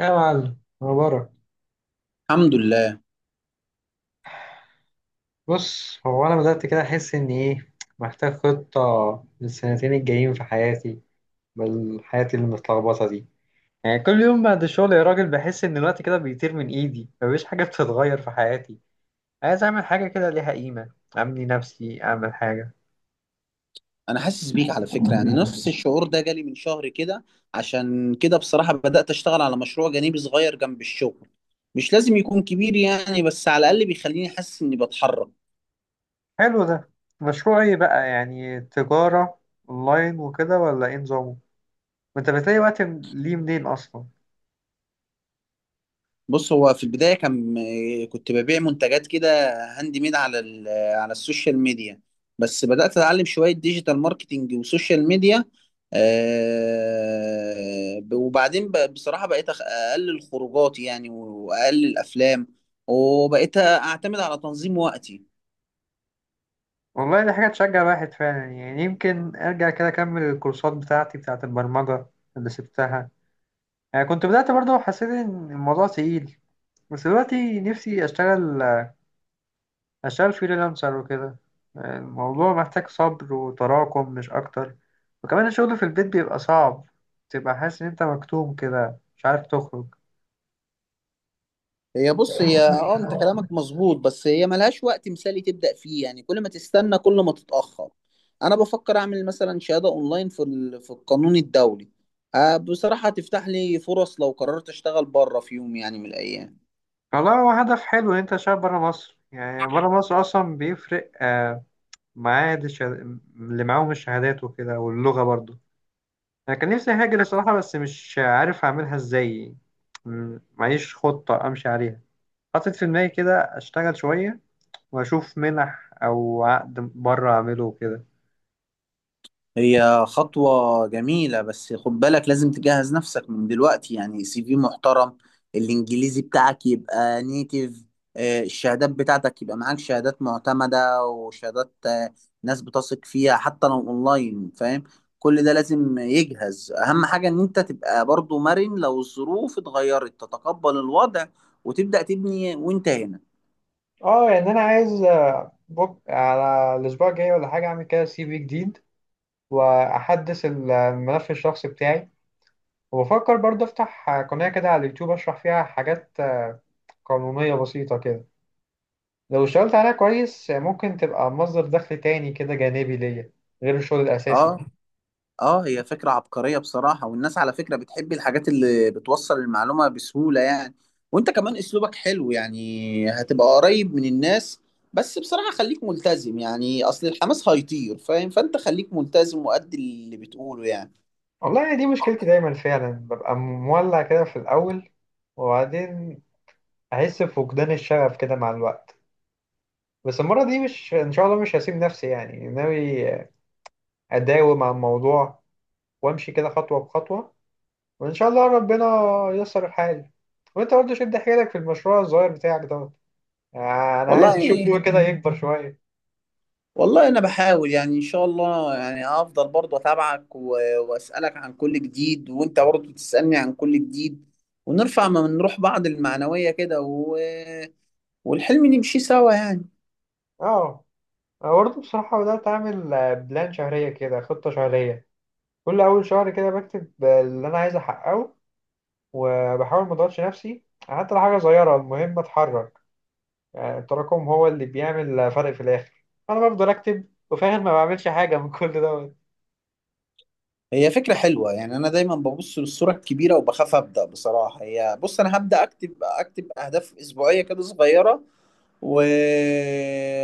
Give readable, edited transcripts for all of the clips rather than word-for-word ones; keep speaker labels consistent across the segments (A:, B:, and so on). A: يا معلم مبارك.
B: الحمد لله.
A: بص، هو أنا بدأت كده أحس إن إيه، محتاج خطة للسنتين الجايين في حياتي، بل حياتي المتلخبطة دي. يعني كل يوم بعد الشغل يا راجل، بحس إن الوقت كده بيطير من إيدي، مفيش حاجة بتتغير في حياتي. عايز أعمل حاجة كده ليها قيمة، أبني نفسي، أعمل حاجة.
B: انا حاسس بيك على فكره، يعني نفس الشعور ده جالي من شهر كده. عشان كده بصراحه بدات اشتغل على مشروع جانبي صغير جنب الشغل. مش لازم يكون كبير يعني، بس على الاقل بيخليني حاسس اني بتحرك.
A: حلو ده. مشروع إيه بقى؟ يعني تجارة أونلاين وكده، ولا إيه نظامه؟ وأنت بتلاقي وقت ليه منين أصلا؟
B: بص، هو في البداية كنت ببيع منتجات كده هاند ميد على السوشيال ميديا. بس بدأت أتعلم شوية ديجيتال ماركتينج وسوشيال ميديا. وبعدين بصراحة بقيت أقلل خروجاتي يعني، وأقلل أفلام، وبقيت أعتمد على تنظيم وقتي.
A: والله دي حاجة تشجع الواحد فعلا، يعني يمكن أرجع كده أكمل الكورسات بتاعتي بتاعة البرمجة اللي سبتها. يعني كنت بدأت برضه، حسيت إن الموضوع تقيل، بس دلوقتي نفسي أشتغل فريلانسر وكده. يعني الموضوع محتاج صبر وتراكم مش أكتر. وكمان الشغل في البيت بيبقى صعب، تبقى حاسس إن أنت مكتوم كده، مش عارف تخرج.
B: هي بص هي اه انت كلامك مظبوط، بس هي ملهاش وقت مثالي تبدأ فيه، يعني كل ما تستنى كل ما تتأخر. انا بفكر اعمل مثلا شهادة اونلاين في القانون الدولي. بصراحة هتفتح لي فرص لو قررت اشتغل بره في يوم يعني من الايام.
A: والله هو هدف حلو إن أنت تشتغل برا مصر. يعني برا مصر أصلا بيفرق معاه دي اللي معاهم الشهادات وكده، واللغة برضو. أنا كان نفسي هاجر الصراحة، بس مش عارف أعملها إزاي. معيش خطة أمشي عليها. حاطط في دماغي كده أشتغل شوية وأشوف منح أو عقد بره أعمله وكده.
B: هي خطوة جميلة، بس خد بالك لازم تجهز نفسك من دلوقتي، يعني سي في محترم، الإنجليزي بتاعك يبقى نيتيف، الشهادات بتاعتك يبقى معاك شهادات معتمدة وشهادات ناس بتثق فيها حتى لو أونلاين، فاهم. كل ده لازم يجهز. أهم حاجة إن أنت تبقى برضو مرن، لو الظروف اتغيرت تتقبل الوضع وتبدأ تبني وأنت هنا.
A: اه يعني انا عايز على الاسبوع الجاي ولا حاجه اعمل كده سي في جديد، واحدث الملف الشخصي بتاعي. وبفكر برضه افتح قناه كده على اليوتيوب اشرح فيها حاجات قانونيه بسيطه كده. لو اشتغلت عليها كويس، ممكن تبقى مصدر دخل تاني كده جانبي ليا، غير الشغل الأساسي.
B: اه، اه، هي فكرة عبقرية بصراحة، والناس على فكرة بتحب الحاجات اللي بتوصل المعلومة بسهولة يعني. وانت كمان اسلوبك حلو، يعني هتبقى قريب من الناس. بس بصراحة خليك ملتزم، يعني اصل الحماس هيطير، فاهم؟ فانت خليك ملتزم وأدي اللي بتقوله يعني.
A: والله يعني دي مشكلتي دايما، فعلا ببقى مولع كده في الأول، وبعدين أحس بفقدان الشغف كده مع الوقت. بس المرة دي مش، إن شاء الله مش هسيب نفسي. يعني ناوي أداوم على الموضوع وأمشي كده خطوة بخطوة، وإن شاء الله ربنا ييسر الحال. وأنت برضه شد حيلك في المشروع الصغير بتاعك دوت. يعني أنا عايز
B: والله،
A: أشوفه كده يكبر شوية.
B: والله انا بحاول يعني، ان شاء الله يعني، هفضل برضه اتابعك واسالك عن كل جديد، وانت برضه تسالني عن كل جديد، ونرفع من روح بعض المعنوية كده والحلم نمشي سوا يعني.
A: أه، أنا برضه بصراحة بدأت أعمل بلان شهرية كده، خطة شهرية. كل أول شهر كده بكتب اللي أنا عايز أحققه، وبحاول ما أضغطش نفسي، حتى لو حاجة صغيرة المهم أتحرك. يعني التراكم هو اللي بيعمل فرق في الآخر. أنا بفضل أكتب وفي الآخر ما بعملش حاجة من كل دوت.
B: هي فكرة حلوة يعني، أنا دايما ببص للصورة الكبيرة وبخاف أبدأ بصراحة. هي بص، أنا هبدأ أكتب أهداف أسبوعية كده صغيرة، و...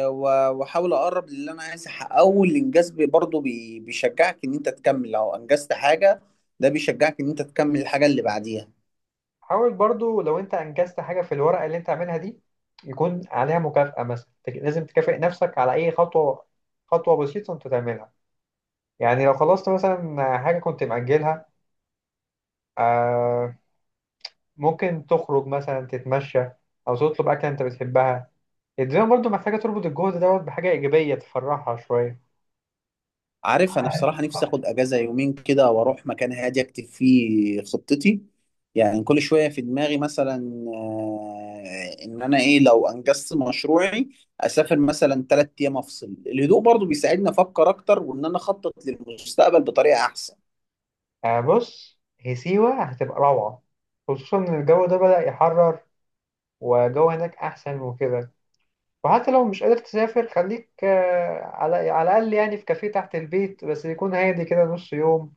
B: وأحاول أقرب للي أنا عايز أحققه، والإنجاز برضه بيشجعك إن أنت تكمل لو أنجزت حاجة. ده بيشجعك إن أنت تكمل الحاجة اللي بعديها.
A: حاول برضو لو أنت أنجزت حاجة في الورقة اللي أنت عاملها دي، يكون عليها مكافأة. مثلا لازم تكافئ نفسك على أي خطوة، خطوة بسيطة أنت تعملها. يعني لو خلصت مثلا حاجة كنت مأجلها، آه، ممكن تخرج مثلا تتمشى او تطلب اكله انت بتحبها. الدنيا برضو محتاجه تربط الجهد دوت بحاجه ايجابيه تفرحها شويه.
B: عارف، انا بصراحه نفسي اخد اجازه يومين كده، واروح مكان هادي اكتب فيه خطتي. يعني كل شويه في دماغي مثلا، ان انا ايه لو انجزت مشروعي. اسافر مثلا 3 ايام افصل. الهدوء برضو بيساعدني افكر اكتر، وان انا اخطط للمستقبل بطريقه احسن.
A: بص، هي سيوه هتبقى روعه، خصوصا ان الجو ده بدأ يحرر، وجو هناك احسن وكده. وحتى لو مش قادر تسافر خليك على الاقل، يعني في كافيه تحت البيت بس يكون هادي كده نص يوم،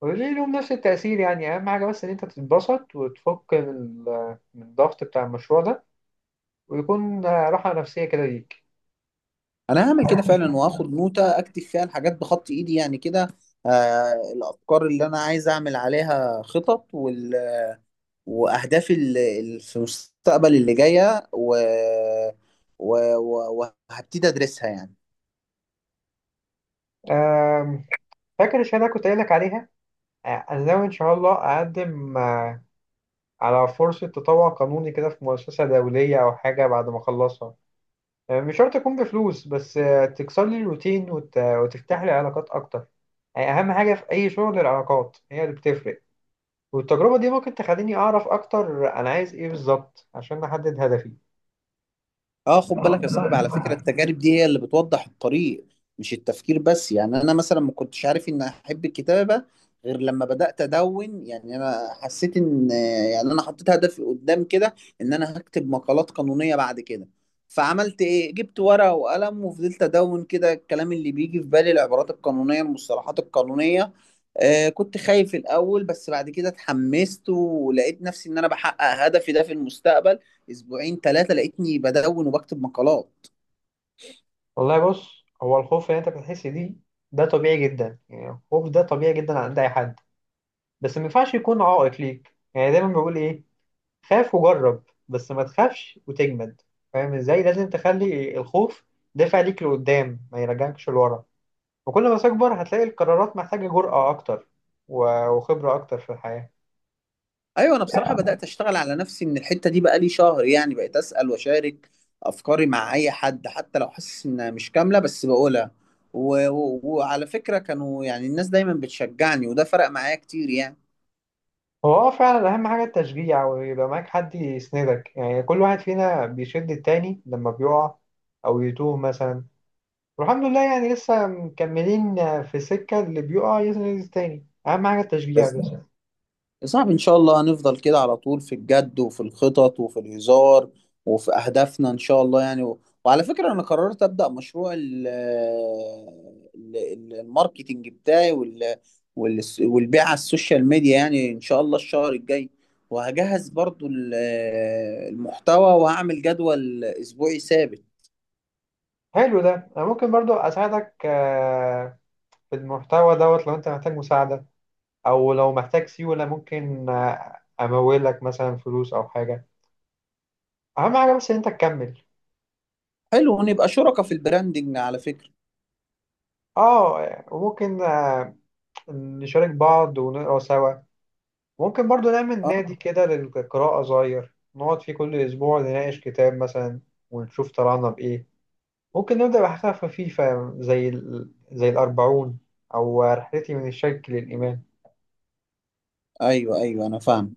A: وليه لهم نفس التأثير. يعني أهم حاجة بس إن أنت تتبسط وتفك من من الضغط بتاع المشروع ده، ويكون راحة نفسية كده ليك.
B: انا هعمل كده فعلا، واخد نوتة اكتب فيها الحاجات بخط ايدي يعني كده. الافكار اللي انا عايز اعمل عليها خطط، واهدافي في المستقبل اللي جايه، وهبتدي ادرسها يعني.
A: آم، فاكر الشهادة اللي كنت قايل لك عليها؟ أنا ناوي إن شاء الله أقدم على فرصة تطوع قانوني كده في مؤسسة دولية أو حاجة بعد ما أخلصها، مش شرط تكون بفلوس، بس تكسر لي الروتين وتفتح لي علاقات أكتر، أهم حاجة في أي شغل العلاقات هي اللي بتفرق، والتجربة دي ممكن تخليني أعرف أكتر أنا عايز إيه بالظبط عشان أحدد هدفي.
B: اه، خد بالك يا صاحبي، على فكرة التجارب دي هي اللي بتوضح الطريق، مش التفكير بس يعني. انا مثلا ما كنتش عارف ان احب الكتابة غير لما بدأت ادون. يعني انا حسيت ان، يعني انا حطيت هدفي قدام كده ان انا هكتب مقالات قانونية بعد كده. فعملت ايه، جبت ورقة وقلم وفضلت ادون كده الكلام اللي بيجي في بالي، العبارات القانونية، المصطلحات القانونية. كنت خايف الاول، بس بعد كده اتحمست ولقيت نفسي ان انا بحقق هدفي ده في المستقبل. اسبوعين ثلاثه لقيتني بدون وبكتب مقالات.
A: والله بص، هو الخوف اللي أنت بتحس بيه ده طبيعي جدا، يعني الخوف ده طبيعي جدا عند أي حد. بس ما ينفعش يكون عائق ليك، يعني دايما بقول ايه؟ خاف وجرب، بس ما تخافش وتجمد. فاهم ازاي؟ لازم تخلي الخوف دافع ليك لقدام ما يرجعكش لورا. وكل ما تكبر هتلاقي القرارات محتاجة جرأة اكتر وخبرة اكتر في الحياة.
B: ايوه، انا بصراحه بدات اشتغل على نفسي من الحته دي بقالي شهر يعني، بقيت اسال واشارك افكاري مع اي حد حتى لو حاسس انها مش كامله، بس بقولها. وعلى فكره كانوا يعني الناس دايما بتشجعني، وده فرق معايا كتير يعني.
A: هو فعلا اهم حاجة التشجيع، ويبقى معاك حد يسندك. يعني كل واحد فينا بيشد التاني لما بيقع او يتوه مثلا، والحمد لله يعني لسه مكملين في السكة، اللي بيقع يسند التاني، اهم حاجة التشجيع
B: بس
A: بس.
B: يا صاحبي إن شاء الله هنفضل كده على طول في الجد وفي الخطط وفي الهزار وفي أهدافنا إن شاء الله يعني. وعلى فكرة، أنا قررت أبدأ مشروع الماركتينج بتاعي، والبيع على السوشيال ميديا يعني إن شاء الله الشهر الجاي. وهجهز برضو المحتوى، وهعمل جدول أسبوعي ثابت.
A: حلو ده. انا ممكن برضو اساعدك في المحتوى دوت لو انت محتاج مساعدة، او لو محتاج سيولة ممكن امولك مثلا فلوس او حاجة. اهم حاجة بس ان انت تكمل.
B: حلو، ونبقى شركاء في البراندنج على فكرة.
A: اه، وممكن نشارك بعض ونقرا سوا. ممكن برضو نعمل
B: أه،
A: نادي كده للقراءة صغير، نقعد فيه كل اسبوع نناقش كتاب مثلا ونشوف طلعنا بايه. ممكن نبدأ بحاجة خفيفة زي زي الأربعون، أو رحلتي من الشرك للإيمان.
B: أيوه، أيوه، أنا فاهم.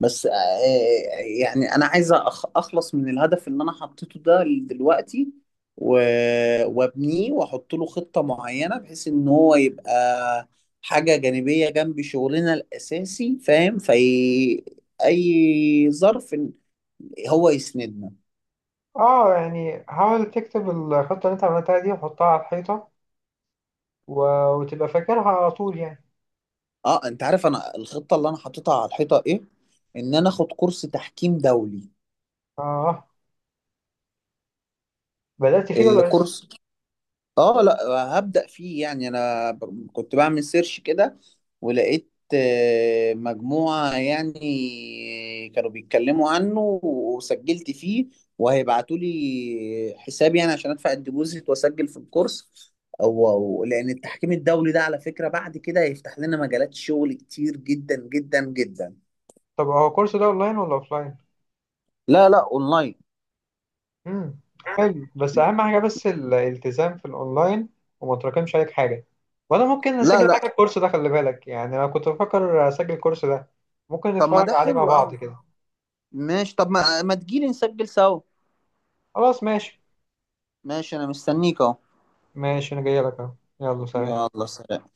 B: بس يعني انا عايز اخلص من الهدف اللي انا حطيته ده دلوقتي، وابنيه واحط له خطة معينة، بحيث ان هو يبقى حاجة جانبية جنب شغلنا الاساسي، فاهم، في اي ظرف إن هو يسندنا.
A: اه، يعني حاول تكتب الخطة اللي انت عملتها دي وحطها على الحيطة، و... وتبقى فاكرها على طول يعني.
B: اه، انت عارف انا الخطة اللي انا حاططها على الحيطة ايه؟ ان انا اخد كورس تحكيم دولي.
A: اه، بدأت فيه ولا لسه؟
B: الكورس، اه، لا، هبدأ فيه يعني. انا كنت بعمل سيرش كده، ولقيت مجموعة يعني كانوا بيتكلموا عنه، وسجلت فيه، وهيبعتوا لي حساب يعني عشان ادفع الديبوزيت واسجل في الكورس. او لان التحكيم الدولي ده على فكرة بعد كده هيفتح لنا مجالات شغل كتير جدا جدا جدا.
A: طب هو الكورس ده اونلاين ولا اوفلاين؟
B: لا، لا، اونلاين.
A: امم حلو، بس اهم حاجة بس الالتزام في الاونلاين، وما تراكمش عليك حاجة. وانا ممكن
B: لا،
A: اسجل
B: لا.
A: معاك الكورس ده، خلي بالك يعني انا كنت بفكر اسجل الكورس ده. ممكن
B: طب ما
A: نتفرج
B: ده
A: عليه مع
B: حلو
A: بعض
B: قوي.
A: كده.
B: ماشي، طب ما تجيلي نسجل سوا.
A: خلاص ماشي.
B: ماشي، انا مستنيك اهو.
A: ماشي انا جاي لك اهو. يلا سلام.
B: يلا سلام.